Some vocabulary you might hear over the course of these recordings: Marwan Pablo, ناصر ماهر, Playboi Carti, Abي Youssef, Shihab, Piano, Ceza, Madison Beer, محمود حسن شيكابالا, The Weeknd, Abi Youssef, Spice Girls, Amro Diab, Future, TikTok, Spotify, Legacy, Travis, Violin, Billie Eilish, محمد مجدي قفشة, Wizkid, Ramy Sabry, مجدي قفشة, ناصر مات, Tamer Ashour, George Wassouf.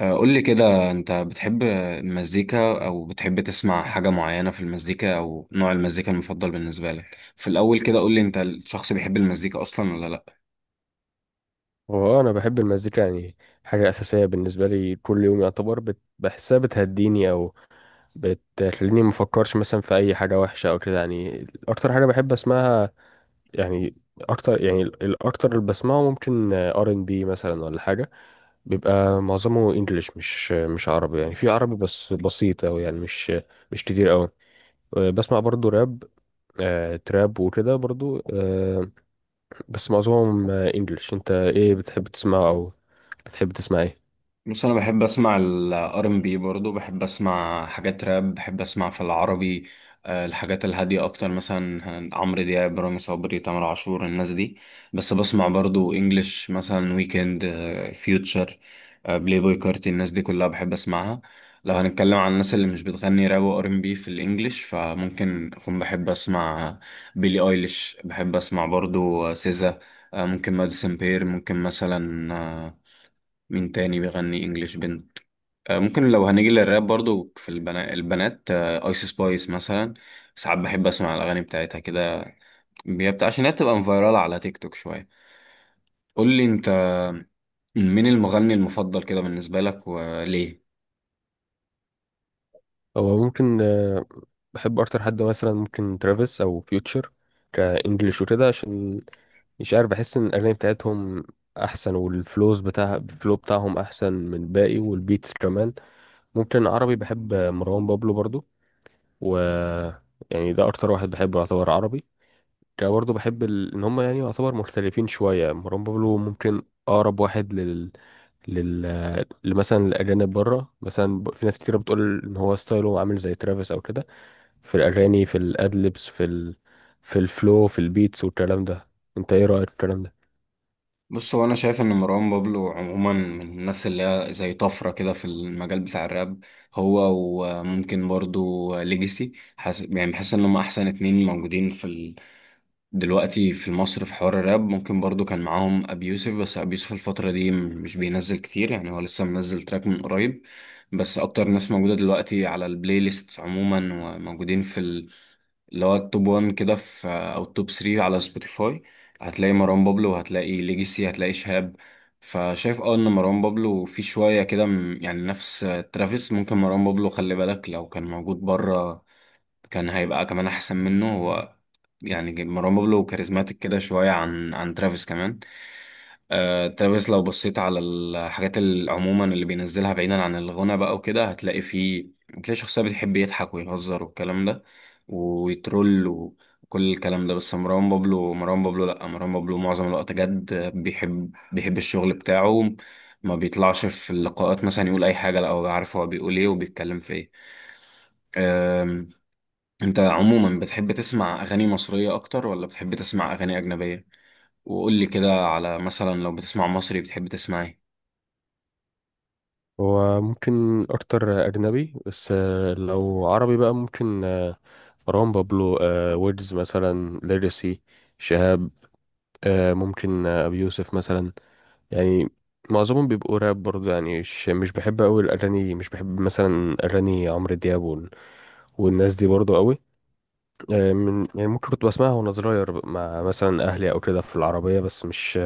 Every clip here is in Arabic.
قول لي كده، انت بتحب المزيكا او بتحب تسمع حاجة معينة في المزيكا او نوع المزيكا المفضل بالنسبة لك؟ في الاول كده قول لي انت الشخص بيحب المزيكا اصلا ولا لا؟ هو انا بحب المزيكا يعني حاجه اساسيه بالنسبه لي كل يوم. يعتبر بحسها بتهديني او بتخليني ما افكرش مثلا في اي حاجه وحشه او كده. يعني اكتر حاجه بحب اسمعها يعني اكتر، يعني الاكتر اللي بسمعه ممكن ار ان بي مثلا ولا حاجه. بيبقى معظمه انجليش، مش عربي، يعني في عربي بس بسيط، او يعني مش كتير قوي. بسمع برضو راب، تراب وكده برضو. بس معظمهم انجليش. انت ايه بتحب تسمعه، او بتحب تسمع ايه؟ بص، انا بحب اسمع الار ام بي، برضه بحب اسمع حاجات راب، بحب اسمع في العربي. الحاجات الهاديه اكتر، مثلا عمرو دياب، رامي صبري، تامر عاشور، الناس دي. بس بسمع برضه انجلش، مثلا ويكند، فيوتشر، بلاي بوي كارتي، الناس دي كلها بحب اسمعها. لو هنتكلم عن الناس اللي مش بتغني راب وار ام بي في الانجليش، فممكن اكون بحب اسمع بيلي ايليش، بحب اسمع برضه سيزا، ممكن ماديسون بير، ممكن مثلا، مين تاني بيغني انجليش بنت؟ ممكن لو هنيجي للراب برضو، في البنات ايس سبايس مثلا. ساعات بحب اسمع الاغاني بتاعتها كده. عشان هي بتبقى فايرال على تيك توك شويه. قول لي انت، مين المغني المفضل كده بالنسبه لك وليه؟ هو ممكن، بحب اكتر حد مثلا ممكن ترافيس او فيوتشر كانجليش وكده، عشان مش عارف، بحس ان الاغاني بتاعتهم احسن، والفلوز بتاع الفلو بتاعهم احسن من الباقي، والبيتس كمان. ممكن عربي بحب مروان بابلو برضو، و يعني ده اكتر واحد بحبه يعتبر عربي كده برضو. بحب ان هم يعني يعتبر مختلفين شويه. مروان بابلو ممكن اقرب واحد لل لل آه، لمثلا الاجانب بره. مثلا في ناس كتير بتقول ان هو ستايله عامل زي ترافيس او كده، في الأغاني، في الأدلبس، في في الفلو، في البيتس والكلام ده. انت ايه رأيك في الكلام ده؟ بص، هو انا شايف ان مروان بابلو عموما من الناس اللي هي زي طفره كده في المجال بتاع الراب، هو وممكن برضو ليجاسي. يعني بحس ان هم احسن اتنين موجودين في دلوقتي في مصر في حوار الراب. ممكن برضو كان معاهم ابي يوسف، بس ابي يوسف الفترة دي مش بينزل كتير، يعني هو لسه منزل تراك من قريب. بس اكتر ناس موجودة دلوقتي على البلاي ليست عموما، وموجودين في اللي هو التوب 1 كده، في او التوب 3 على سبوتيفاي، هتلاقي مروان بابلو، هتلاقي ليجيسي، هتلاقي شهاب. فشايف اه ان مروان بابلو في شوية كده يعني نفس ترافيس. ممكن مروان بابلو، خلي بالك، لو كان موجود بره كان هيبقى كمان احسن منه هو. يعني مروان بابلو كاريزماتيك كده شويه عن ترافيس كمان. آه ترافيس، لو بصيت على الحاجات عموما اللي بينزلها بعيدا عن الغنى بقى وكده، هتلاقي فيه، هتلاقي شخصيه بتحب يضحك ويهزر والكلام ده، ويترول وكل الكلام ده. بس مروان بابلو، مروان بابلو لا مروان بابلو معظم الوقت جد، بيحب الشغل بتاعه، ما بيطلعش في اللقاءات مثلا يقول اي حاجه. لا، هو عارف هو بيقول ايه وبيتكلم في ايه. انت عموما بتحب تسمع اغاني مصرية اكتر ولا بتحب تسمع اغاني اجنبية؟ وقول لي كده على مثلا، لو بتسمع مصري، بتحب تسمع ايه؟ هو ممكن اكتر اجنبي، بس لو عربي بقى ممكن، مروان بابلو، ويجز، مثلا ليجاسي، شهاب، ممكن ابي يوسف مثلا. يعني معظمهم بيبقوا راب برضه، يعني مش بحب قوي الاغاني. مش بحب مثلا اغاني عمرو دياب والناس دي برضه قوي. من، يعني ممكن كنت بسمعها وانا صغير مع مثلا اهلي او كده في العربيه، بس مش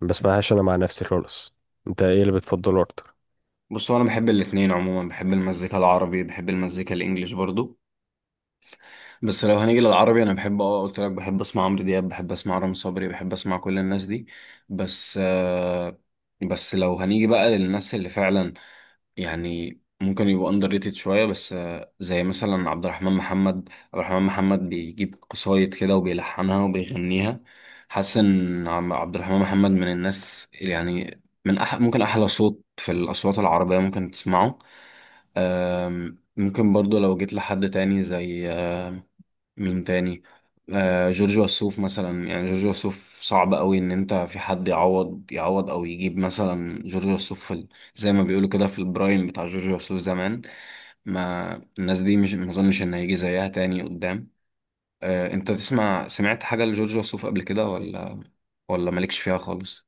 بسمعهاش انا مع نفسي خالص. انت ايه اللي بتفضله اكتر؟ بص، هو انا بحب الاتنين عموما، بحب المزيكا العربي، بحب المزيكا الانجليش برضو. بس لو هنيجي للعربي، انا بحب اه قلت لك، بحب اسمع عمرو دياب، بحب اسمع رامي صبري، بحب اسمع كل الناس دي. بس آه، بس لو هنيجي بقى للناس اللي فعلا يعني ممكن يبقوا اندر ريتد شويه، بس زي مثلا عبد الرحمن محمد. عبد الرحمن محمد بيجيب قصايد كده وبيلحنها وبيغنيها. حاسس ان عبد الرحمن محمد من الناس، يعني من ممكن احلى صوت في الاصوات العربيه ممكن تسمعه. ممكن برضو لو جيت لحد تاني زي مين تاني، آه جورج وسوف مثلا. يعني جورج وسوف صعب قوي ان انت في حد يعوض او يجيب مثلا جورج وسوف في زي ما بيقولوا كده في البرايم بتاع جورج وسوف زمان. ما الناس دي مش ما اظنش ان هيجي زيها تاني قدام. آه انت تسمع سمعت حاجة لجورج وسوف قبل كده ولا مالكش فيها خالص؟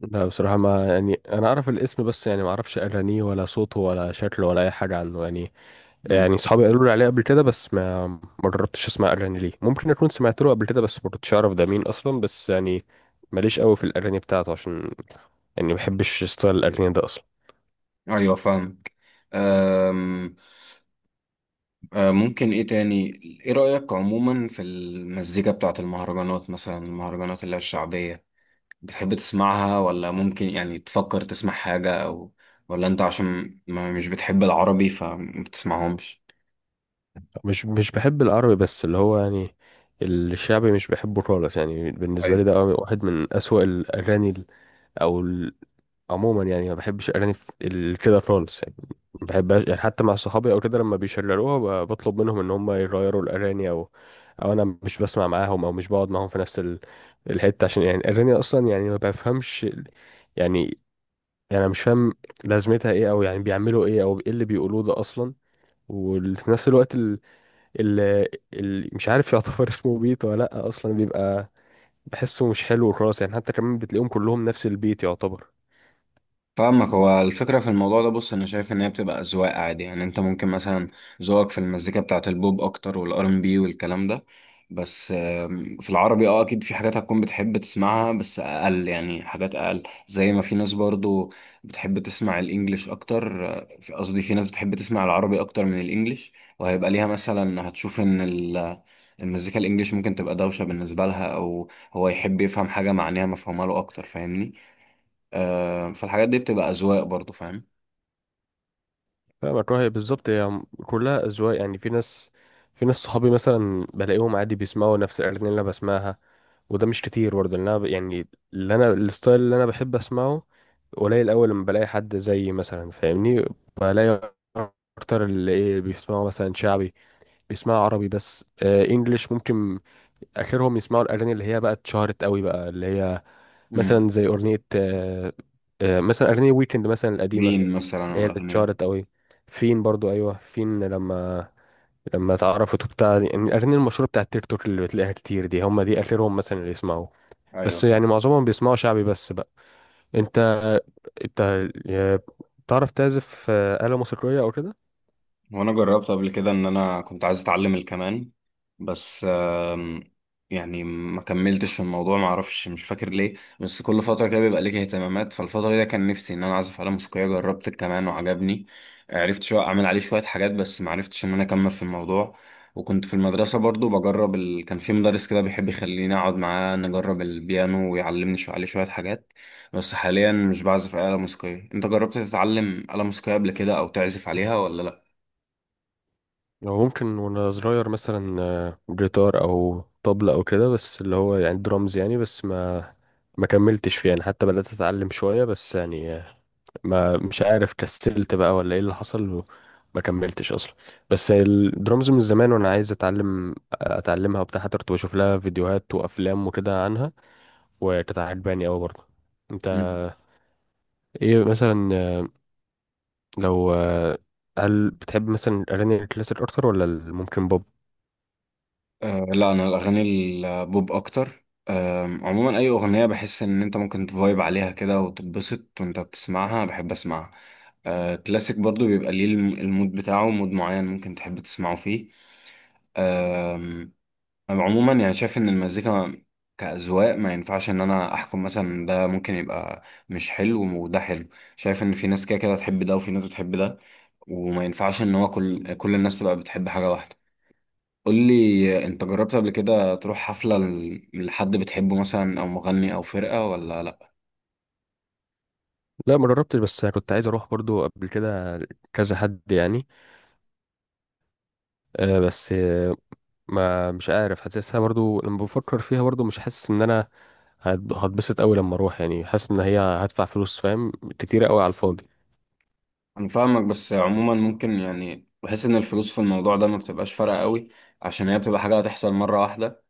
لا بصراحة، ما يعني انا اعرف الاسم، بس يعني ما اعرفش اغانيه ولا صوته ولا شكله ولا اي حاجة عنه. يعني مم. يعني اصحابي قالوا لي عليه قبل كده بس ما جربتش اسمع اغاني ليه. ممكن اكون سمعت له قبل كده بس ما كنتش اعرف ده مين اصلا، بس يعني ماليش قوي في الاغاني بتاعته، عشان يعني ما بحبش ستايل الاغاني ده اصلا. ايوه فاهمك. آم، ممكن ايه تاني، ايه رأيك عموما في المزيكا بتاعت المهرجانات، مثلا المهرجانات اللي هي الشعبية؟ بتحب تسمعها ولا ممكن يعني تفكر تسمع حاجة، أو ولا أنت عشان ما مش بتحب العربي فما بتسمعهمش؟ مش بحب العربي، بس اللي هو يعني الشعبي مش بحبه خالص. يعني بالنسبة لي أيوة ده واحد من اسوأ الاغاني، او عموما، يعني ما بحبش اغاني كده خالص. يعني ما بحبهاش، يعني حتى مع صحابي او كده لما بيشغلوها بطلب منهم ان هم يغيروا الاغاني، او انا مش بسمع معاهم، او مش بقعد معاهم في نفس الحته. عشان يعني الاغاني اصلا يعني ما بفهمش يعني، يعني انا مش فاهم لازمتها ايه، او يعني بيعملوا ايه، او ايه اللي بيقولوه ده اصلا. وفي نفس الوقت ال... مش عارف يعتبر اسمه بيت ولا لا اصلا. بيبقى بحسه مش حلو خالص، يعني حتى كمان بتلاقيهم كلهم نفس البيت يعتبر. فاهمك. هو الفكرة في الموضوع ده، بص، أنا شايف إن هي بتبقى أذواق عادي، يعني أنت ممكن مثلا ذوقك في المزيكا بتاعة البوب أكتر والآر إن بي والكلام ده. بس في العربي أه أكيد في حاجات هتكون بتحب تسمعها، بس أقل، يعني حاجات أقل، زي ما في ناس برضو بتحب تسمع الإنجليش أكتر. قصدي في ناس بتحب تسمع العربي أكتر من الإنجليش، وهيبقى ليها مثلا، هتشوف إن المزيكا الإنجليش ممكن تبقى دوشة بالنسبة لها، أو هو يحب يفهم حاجة معناها مفهومة له أكتر، فاهمني؟ آه، فالحاجات دي بتبقى أذواق برضو، فاهم. فاهمك. رأي بالظبط، هي كلها أذواق. يعني في ناس صحابي مثلا بلاقيهم عادي بيسمعوا نفس الأغاني اللي أنا بسمعها، وده مش كتير برضه، لأن أنا يعني اللي أنا، الستايل اللي أنا بحب أسمعه قليل أوي، لما بلاقي حد زيي مثلا، فاهمني؟ بلاقي أكتر اللي إيه، بيسمعوا مثلا شعبي، بيسمعوا عربي، بس آه إنجليش ممكن آخرهم يسمعوا الأغاني اللي هي بقى اتشهرت أوي، بقى اللي هي امم. مثلا زي أغنية، مثلا أغنية ويكند مثلا القديمة، جين مثلا اللي هي اللي والأغاني دي. اتشهرت قوي فين برضو. ايوه فين لما اتعرفت وبتاع. يعني الاغاني المشهوره بتاعت التيك توك اللي بتلاقيها كتير دي، هم دي اخرهم مثلا اللي يسمعوه. بس أيوه. يعني معظمهم بيسمعوا شعبي بس بقى. انت انت يا- بتعرف تعزف آلة موسيقية او كده؟ وانا جربت قبل كده ان انا كنت عايز اتعلم الكمان، بس يعني ما كملتش في الموضوع، ما اعرفش، مش فاكر ليه. بس كل فتره كده بيبقى ليك اهتمامات، فالفتره دي كان نفسي ان انا اعزف آلة موسيقيه، جربت الكمان وعجبني، عرفت شويه اعمل عليه شويه حاجات، بس ما عرفتش ان انا اكمل في الموضوع. وكنت في المدرسه برضو بجرب كان في مدرس كده بيحب يخليني اقعد معاه نجرب البيانو ويعلمني شويه عليه شويه حاجات. بس حاليا مش بعزف آلة موسيقيه. انت جربت تتعلم آلة موسيقيه قبل كده او تعزف عليها ولا لا؟ لو ممكن وانا صغير مثلا، جيتار او طبلة او كده، بس اللي هو يعني درامز يعني. بس ما كملتش فيه، يعني حتى بدأت اتعلم شوية بس يعني، ما مش عارف كسلت بقى ولا ايه اللي حصل، وما كملتش اصلا. بس الدرامز من زمان وانا عايز اتعلمها وبتاع، حتى كنت بشوف لها فيديوهات وافلام وكده عنها، وكانت عجباني قوي برضه. انت مم. ايه مثلا، آه، لو آه، هل بتحب مثلا الاغاني الكلاسيك اكتر، ولا ممكن بوب؟ أه لا، انا الاغاني البوب اكتر. عموما اي اغنيه بحس ان انت ممكن تفايب عليها كده وتتبسط وانت بتسمعها، بحب اسمعها. أه كلاسيك برضو بيبقى ليه المود بتاعه، مود معين ممكن تحب تسمعه فيه. آم، أنا عموما يعني شايف ان المزيكا كأذواق، ما ينفعش ان انا احكم مثلا ده ممكن يبقى مش حلو وده حلو. شايف ان في ناس كده كده تحب ده وفي ناس بتحب ده، وما ينفعش ان هو كل الناس تبقى بتحب حاجه واحده. قول لي انت، جربت قبل كده تروح حفلة لحد بتحبه مثلا او مغني او فرقة ولا لا؟ لا ما جربتش، بس كنت عايز اروح برضو قبل كده كذا حد يعني. آه، بس آه، ما مش عارف، حاسسها برضو لما بفكر فيها برضو، مش حاسس ان انا هتبسط قوي لما اروح. يعني حاسس ان هي هدفع فلوس، فاهم، كتيره قوي على الفاضي. انا فاهمك. بس عموما ممكن، يعني بحس ان الفلوس في الموضوع ده ما بتبقاش فارقة قوي، عشان هي بتبقى حاجة هتحصل مرة واحدة.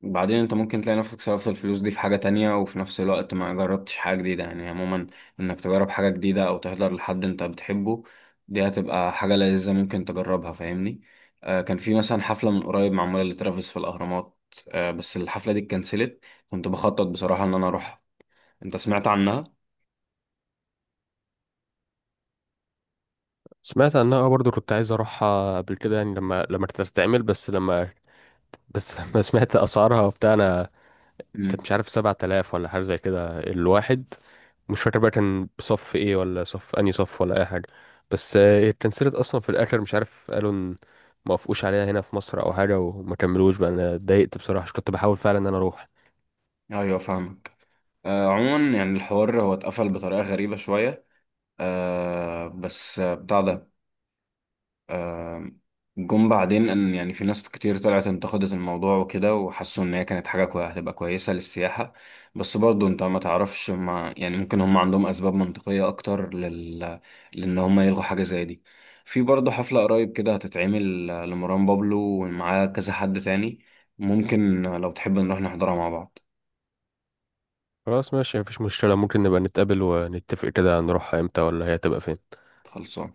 بعدين انت ممكن تلاقي نفسك صرفت الفلوس دي في حاجة تانية وفي نفس الوقت ما جربتش حاجة جديدة. يعني عموما، انك تجرب حاجة جديدة او تحضر لحد انت بتحبه، دي هتبقى حاجة لذيذة ممكن تجربها، فاهمني؟ آه، كان في مثلا حفلة من قريب معمولة لترافيس في الأهرامات، آه بس الحفلة دي اتكنسلت، كنت بخطط بصراحة ان انا اروحها. انت سمعت عنها؟ سمعت عنها برضو، كنت عايز اروحها قبل كده يعني لما تتعمل. بس لما، بس لما سمعت اسعارها وبتاع، انا كانت امم. مش عارف، 7,000 ولا حاجه زي كده الواحد، مش فاكر بقى كان بصف ايه، ولا صف انهي صف ولا اي حاجه. بس اتكنسلت اصلا في الاخر. مش عارف، قالوا ان ما وافقوش عليها هنا في مصر او حاجه وما كملوش بقى. انا اتضايقت بصراحه عشان كنت بحاول فعلا ان انا اروح. ايوه فاهمك. آه عموما يعني الحوار هو اتقفل بطريقة غريبة شوية، آه بس بتاع ده، جم بعدين ان يعني في ناس كتير طلعت انتقدت الموضوع وكده وحسوا ان هي كانت حاجه كويسه، هتبقى كويسه للسياحه. بس برضو انت ما تعرفش، ما يعني ممكن هم عندهم اسباب منطقيه اكتر لل، لان هم يلغوا حاجه زي دي. في برضو حفله قريب كده هتتعمل لمروان بابلو ومعاه كذا حد تاني، ممكن لو تحب نروح نحضرها مع بعض. خلاص ماشي، مفيش مشكلة، ممكن نبقى نتقابل ونتفق كده هنروح امتى، ولا هي تبقى فين. خلصان.